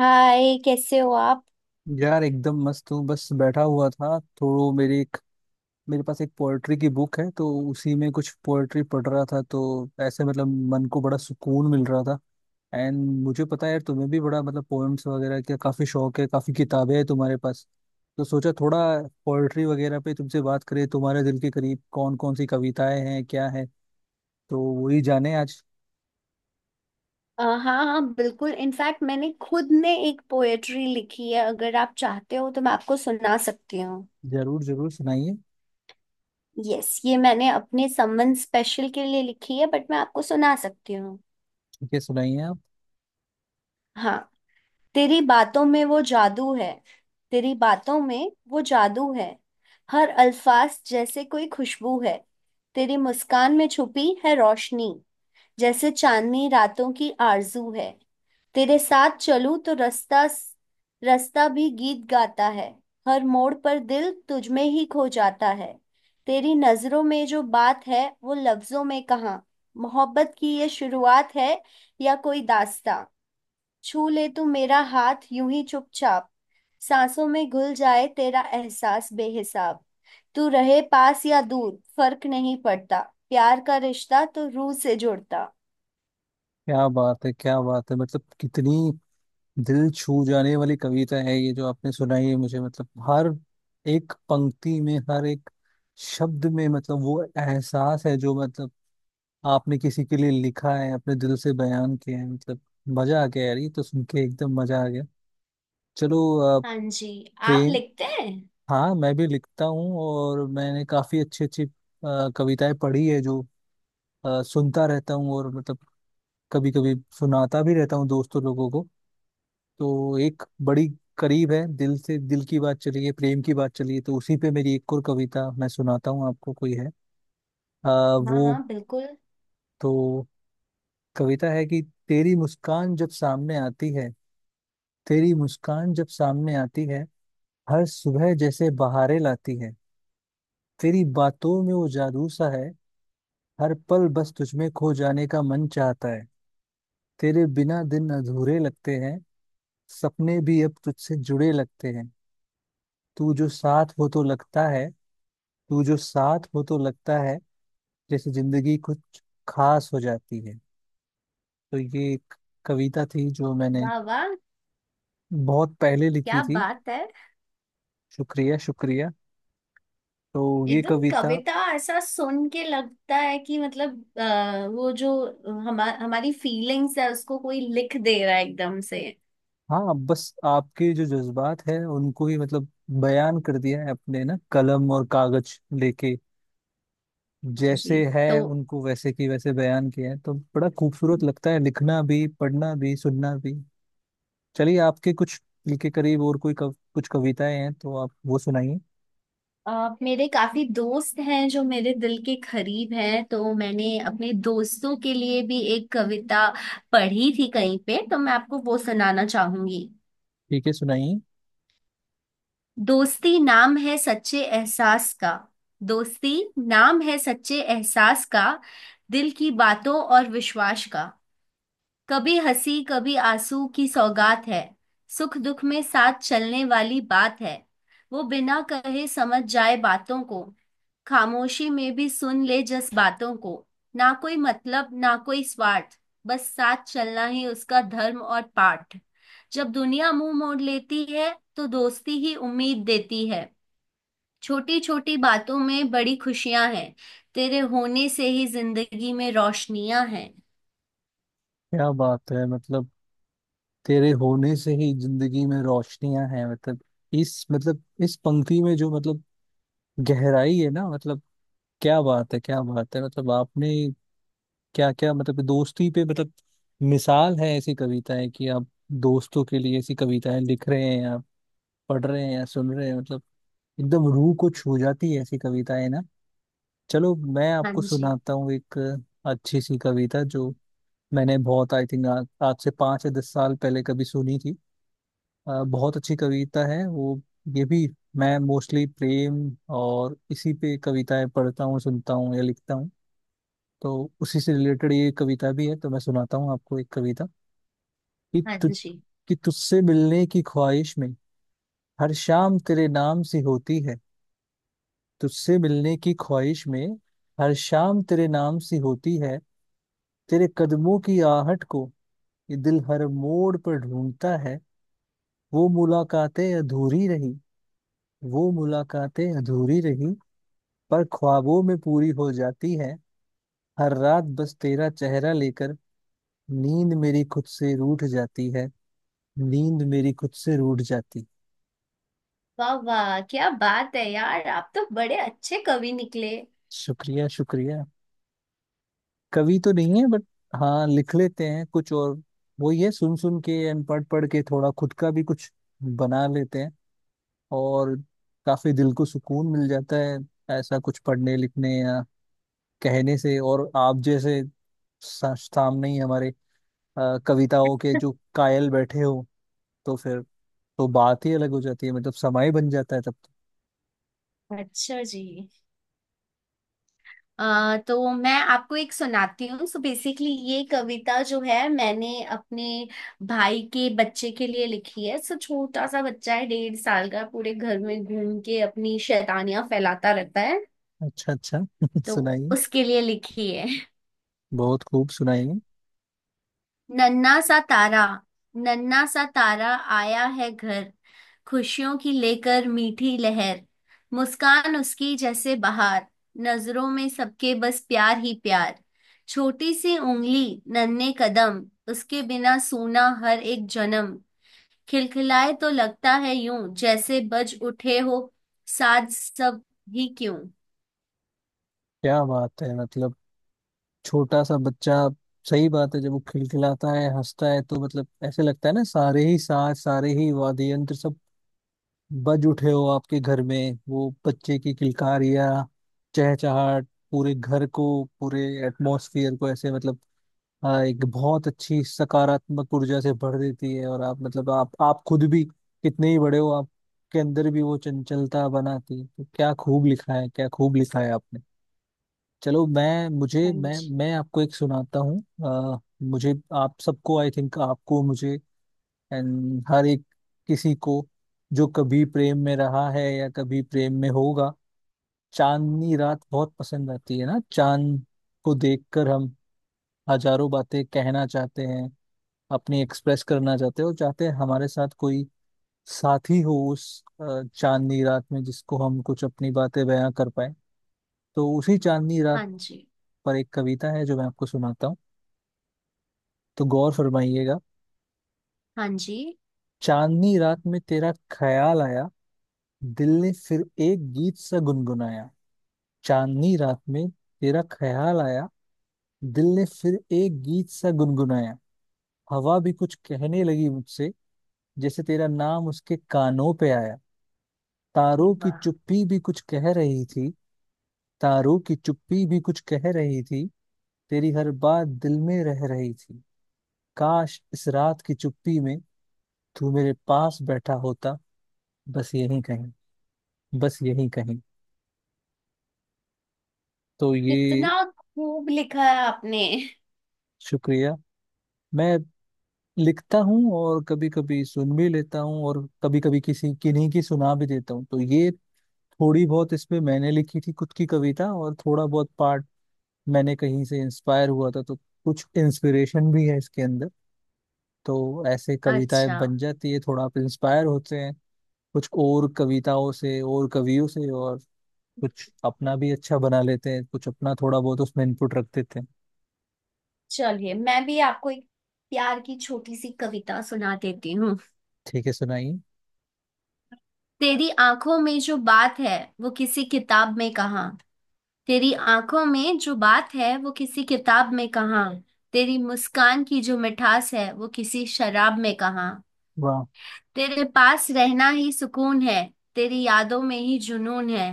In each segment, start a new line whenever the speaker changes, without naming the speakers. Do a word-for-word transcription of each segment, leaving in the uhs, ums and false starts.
हाय, कैसे हो आप।
यार एकदम मस्त हूँ। बस बैठा हुआ था तो मेरी एक मेरे पास एक पोएट्री की बुक है तो उसी में कुछ पोएट्री पढ़ रहा था तो ऐसे मतलब मन को बड़ा सुकून मिल रहा था। एंड मुझे पता है यार तुम्हें भी बड़ा मतलब पोएम्स वगैरह का काफी शौक है, काफी किताबें हैं तुम्हारे पास। तो सोचा थोड़ा पोएट्री वगैरह पे तुमसे बात करें, तुम्हारे दिल के करीब कौन कौन सी कविताएं हैं, क्या है, तो वही जाने आज।
अ, हाँ हाँ बिल्कुल। इनफैक्ट मैंने खुद ने एक पोएट्री लिखी है। अगर आप चाहते हो तो मैं आपको सुना सकती हूँ।
जरूर जरूर सुनाइए।
यस, ये मैंने अपने समवन स्पेशल के लिए लिखी है, बट मैं आपको सुना सकती हूँ।
ठीक है, सुनाइए आप।
हाँ। तेरी बातों में वो जादू है, तेरी बातों में वो जादू है, हर अल्फाज जैसे कोई खुशबू है। तेरी मुस्कान में छुपी है रोशनी, जैसे चांदनी रातों की आरजू है। तेरे साथ चलूं तो रास्ता, रास्ता भी गीत गाता है, हर मोड़ पर दिल तुझ में ही खो जाता है। तेरी नजरों में जो बात है वो लफ्जों में कहाँ, मोहब्बत की ये शुरुआत है या कोई दास्तां। छू ले तू मेरा हाथ यूं ही चुपचाप, सांसों में घुल जाए तेरा एहसास बेहिसाब। तू रहे पास या दूर फर्क नहीं पड़ता, प्यार का रिश्ता तो रूह से जुड़ता।
क्या बात है, क्या बात है, मतलब कितनी दिल छू जाने वाली कविता है ये जो आपने सुनाई है मुझे। मतलब हर एक पंक्ति में, हर एक शब्द में मतलब वो एहसास है जो मतलब आपने किसी के लिए लिखा है, अपने दिल से बयान किया है। मतलब मजा आ गया यार, ये तो सुन के एकदम मजा आ गया। चलो, अ,
हाँ जी, आप
प्रेम।
लिखते हैं?
हाँ, मैं भी लिखता हूँ और मैंने काफी अच्छी अच्छी अ, कविताएं पढ़ी है, जो अ, सुनता रहता हूँ और मतलब कभी कभी सुनाता भी रहता हूँ दोस्तों लोगों को। तो एक बड़ी करीब है, दिल से दिल की बात चली है, प्रेम की बात चली है तो उसी पे मेरी एक और कविता मैं सुनाता हूँ आपको। कोई है आ,
हाँ हाँ
वो।
बिल्कुल।
तो कविता है कि तेरी मुस्कान जब सामने आती है, तेरी मुस्कान जब सामने आती है, हर सुबह जैसे बहारें लाती है। तेरी बातों में वो जादू सा है, हर पल बस तुझमें खो जाने का मन चाहता है। तेरे बिना दिन अधूरे लगते हैं, सपने भी अब तुझसे जुड़े लगते हैं। तू जो साथ हो तो लगता है, तू जो साथ हो तो लगता है, जैसे जिंदगी कुछ खास हो जाती है। तो ये एक कविता थी जो मैंने
वाह वाह,
बहुत पहले लिखी
क्या
थी।
बात है।
शुक्रिया, शुक्रिया। तो ये
एकदम
कविता
कविता ऐसा सुन के लगता है कि मतलब आ, वो जो हमा, हमारी फीलिंग्स है उसको कोई लिख दे रहा है एकदम से।
हाँ, बस आपके जो जज्बात है उनको ही मतलब बयान कर दिया है अपने, ना कलम और कागज लेके
जी।
जैसे है
तो
उनको वैसे की वैसे बयान किया है, तो बड़ा खूबसूरत लगता है लिखना भी, पढ़ना भी, सुनना भी। चलिए आपके कुछ दिल के करीब और कोई कव, कुछ कविताएं हैं तो आप वो सुनाइए।
अ, मेरे काफी दोस्त हैं जो मेरे दिल के करीब हैं, तो मैंने अपने दोस्तों के लिए भी एक कविता पढ़ी थी कहीं पे, तो मैं आपको वो सुनाना चाहूंगी।
ठीक है, सुनाइए।
दोस्ती नाम है सच्चे एहसास का, दोस्ती नाम है सच्चे एहसास का, दिल की बातों और विश्वास का। कभी हंसी कभी आंसू की सौगात है, सुख दुख में साथ चलने वाली बात है। वो बिना कहे समझ जाए बातों को, खामोशी में भी सुन ले जस बातों को। ना कोई मतलब ना कोई स्वार्थ, बस साथ चलना ही उसका धर्म और पाठ। जब दुनिया मुंह मोड़ लेती है तो दोस्ती ही उम्मीद देती है। छोटी छोटी बातों में बड़ी खुशियां हैं, तेरे होने से ही जिंदगी में रोशनियां हैं।
क्या बात है, मतलब तेरे होने से ही जिंदगी में रोशनियां हैं, मतलब इस मतलब इस पंक्ति में जो मतलब गहराई है ना, मतलब क्या बात है, क्या बात है, मतलब आपने क्या क्या मतलब दोस्ती पे मतलब मिसाल है ऐसी कविताएं कि आप दोस्तों के लिए ऐसी कविताएं लिख रहे हैं, आप पढ़ रहे हैं या सुन रहे हैं, मतलब एकदम रूह को छू जाती है ऐसी कविताएं ना। चलो, मैं
हाँ
आपको
जी।
सुनाता हूँ एक अच्छी सी कविता जो मैंने बहुत, आई थिंक, आज आज से पाँच या दस साल पहले कभी सुनी थी। अ, बहुत अच्छी कविता है वो। ये भी मैं मोस्टली प्रेम और इसी पे कविताएं पढ़ता हूँ, सुनता हूँ या लिखता हूँ। तो उसी से रिलेटेड ये कविता भी है, तो मैं सुनाता हूँ आपको एक कविता कि
हाँ
तु,
जी।
कि तुझसे मिलने की ख्वाहिश में हर शाम तेरे नाम सी होती है। तुझसे मिलने की ख्वाहिश में हर शाम तेरे नाम सी होती है। तेरे कदमों की आहट को ये दिल हर मोड़ पर ढूंढता है। वो मुलाकातें अधूरी रही, वो मुलाकातें अधूरी रही पर ख्वाबों में पूरी हो जाती है। हर रात बस तेरा चेहरा लेकर नींद मेरी खुद से रूठ जाती है, नींद मेरी खुद से रूठ जाती।
वाह वाह, क्या बात है यार, आप तो बड़े अच्छे कवि निकले।
शुक्रिया, शुक्रिया। कवि तो नहीं है बट हाँ, लिख लेते हैं कुछ और। वो ये सुन सुन के एंड पढ़ पढ़ के थोड़ा खुद का भी कुछ बना लेते हैं, और काफी दिल को सुकून मिल जाता है ऐसा कुछ पढ़ने, लिखने या कहने से। और आप जैसे सा- सामने ही हमारे अ, कविताओं के जो कायल बैठे हो तो फिर, तो बात ही अलग हो जाती है, मतलब समय बन जाता है तब।
अच्छा जी। आ, तो मैं आपको एक सुनाती हूँ। सो बेसिकली ये कविता जो है मैंने अपने भाई के बच्चे के लिए लिखी है। सो छोटा सा बच्चा है, डेढ़ साल का, पूरे घर में घूम के अपनी शैतानियां फैलाता रहता है,
तो अच्छा अच्छा
तो
सुनाइए।
उसके लिए लिखी है।
बहुत खूब, सुनाइए।
नन्ना सा तारा, नन्ना सा तारा आया है घर, खुशियों की लेकर मीठी लहर। मुस्कान उसकी जैसे बहार, नजरों में सबके बस प्यार ही प्यार। छोटी सी उंगली नन्हे कदम, उसके बिना सूना हर एक जन्म। खिलखिलाए तो लगता है यूं जैसे बज उठे हो साज सब ही क्यों।
क्या बात है, मतलब छोटा सा बच्चा, सही बात है। जब वो खिलखिलाता है, हंसता है तो मतलब ऐसे लगता है ना सारे ही साज, सारे ही वाद्य यंत्र सब बज उठे हो आपके घर में। वो बच्चे की किलकारियाँ, चहचहाट पूरे घर को, पूरे एटमॉस्फियर को ऐसे मतलब हाँ एक बहुत अच्छी सकारात्मक ऊर्जा से भर देती है। और आप मतलब आप आप खुद भी कितने ही बड़े हो, आपके अंदर भी वो चंचलता बनाती है। तो क्या खूब लिखा है, क्या खूब लिखा है आपने। चलो, मैं मुझे
हाँ
मैं
जी।
मैं आपको एक सुनाता हूँ। अ, मुझे आप सबको, आई थिंक, आपको, मुझे एंड हर एक किसी को जो कभी प्रेम में रहा है या कभी प्रेम में होगा, चांदनी रात बहुत पसंद आती है ना। चांद को देखकर हम हजारों बातें कहना चाहते हैं, अपनी एक्सप्रेस करना चाहते हो, चाहते हैं हमारे साथ कोई साथी हो उस अ, चांदनी रात में, जिसको हम कुछ अपनी बातें बयां कर पाए। तो उसी चांदनी रात
हाँ जी।
पर एक कविता है जो मैं आपको सुनाता हूँ, तो गौर फरमाइएगा।
हाँ जी।
चांदनी रात में तेरा ख्याल आया, दिल ने फिर एक गीत सा गुनगुनाया। चांदनी रात में तेरा ख्याल आया, दिल ने फिर एक गीत सा गुनगुनाया। हवा भी कुछ कहने लगी मुझसे, जैसे तेरा नाम उसके कानों पे आया।
अरे
तारों की
वाह,
चुप्पी भी कुछ कह रही थी, तारों की चुप्पी भी कुछ कह रही थी, तेरी हर बात दिल में रह रही थी। काश इस रात की चुप्पी में तू मेरे पास बैठा होता, बस यहीं कहीं, बस यहीं कहीं। तो ये
कितना खूब लिखा है आपने।
शुक्रिया। मैं लिखता हूँ और कभी कभी सुन भी लेता हूँ और कभी कभी किसी किन्हीं की सुना भी देता हूँ। तो ये थोड़ी बहुत इसमें मैंने लिखी थी खुद की कविता और थोड़ा बहुत पार्ट मैंने कहीं से इंस्पायर हुआ था, तो कुछ इंस्पिरेशन भी है इसके अंदर। तो ऐसे कविताएं
अच्छा,
बन जाती है, थोड़ा आप इंस्पायर होते हैं कुछ और कविताओं से और कवियों से, और कुछ अपना भी अच्छा बना लेते हैं, कुछ अपना थोड़ा बहुत उसमें इनपुट रख देते हैं।
चलिए मैं भी आपको एक प्यार की छोटी सी कविता सुना देती हूँ।
ठीक है, सुनाइए।
तेरी आंखों में जो बात है वो किसी किताब में कहाँ, तेरी आंखों में जो बात है वो किसी किताब में कहाँ, तेरी मुस्कान की जो मिठास है वो किसी शराब में कहाँ।
वाह,
तेरे पास रहना ही सुकून है, तेरी यादों में ही जुनून है।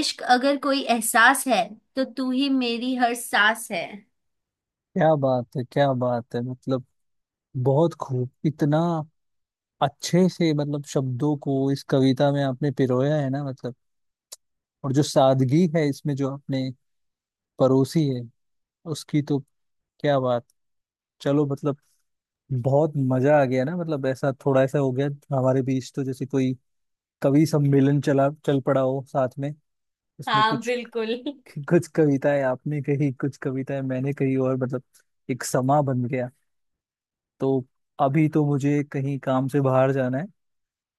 इश्क अगर कोई एहसास है तो तू ही मेरी हर सांस है।
क्या बात है, क्या बात है, मतलब बहुत खूब, इतना अच्छे से मतलब शब्दों को इस कविता में आपने पिरोया है ना, मतलब और जो सादगी है इसमें जो आपने परोसी है उसकी तो क्या बात। चलो, मतलब बहुत मजा आ गया ना, मतलब ऐसा थोड़ा ऐसा हो गया हमारे बीच तो, जैसे कोई कवि सम्मेलन चला, चल पड़ा हो साथ में। इसमें
हाँ
कुछ
बिल्कुल।
कुछ कविताएं आपने कही, कुछ कविताएं मैंने कही और मतलब एक समा बन गया। तो अभी तो मुझे कहीं काम से बाहर जाना है,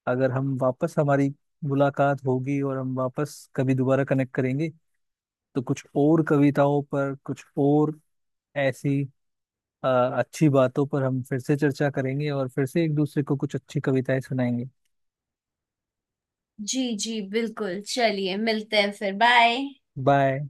अगर हम वापस हमारी मुलाकात होगी और हम वापस कभी दोबारा कनेक्ट करेंगे तो कुछ और कविताओं पर, कुछ और ऐसी अ, अच्छी बातों पर हम फिर से चर्चा करेंगे और फिर से एक दूसरे को कुछ अच्छी कविताएं सुनाएंगे।
जी जी बिल्कुल, चलिए मिलते हैं फिर, बाय।
बाय।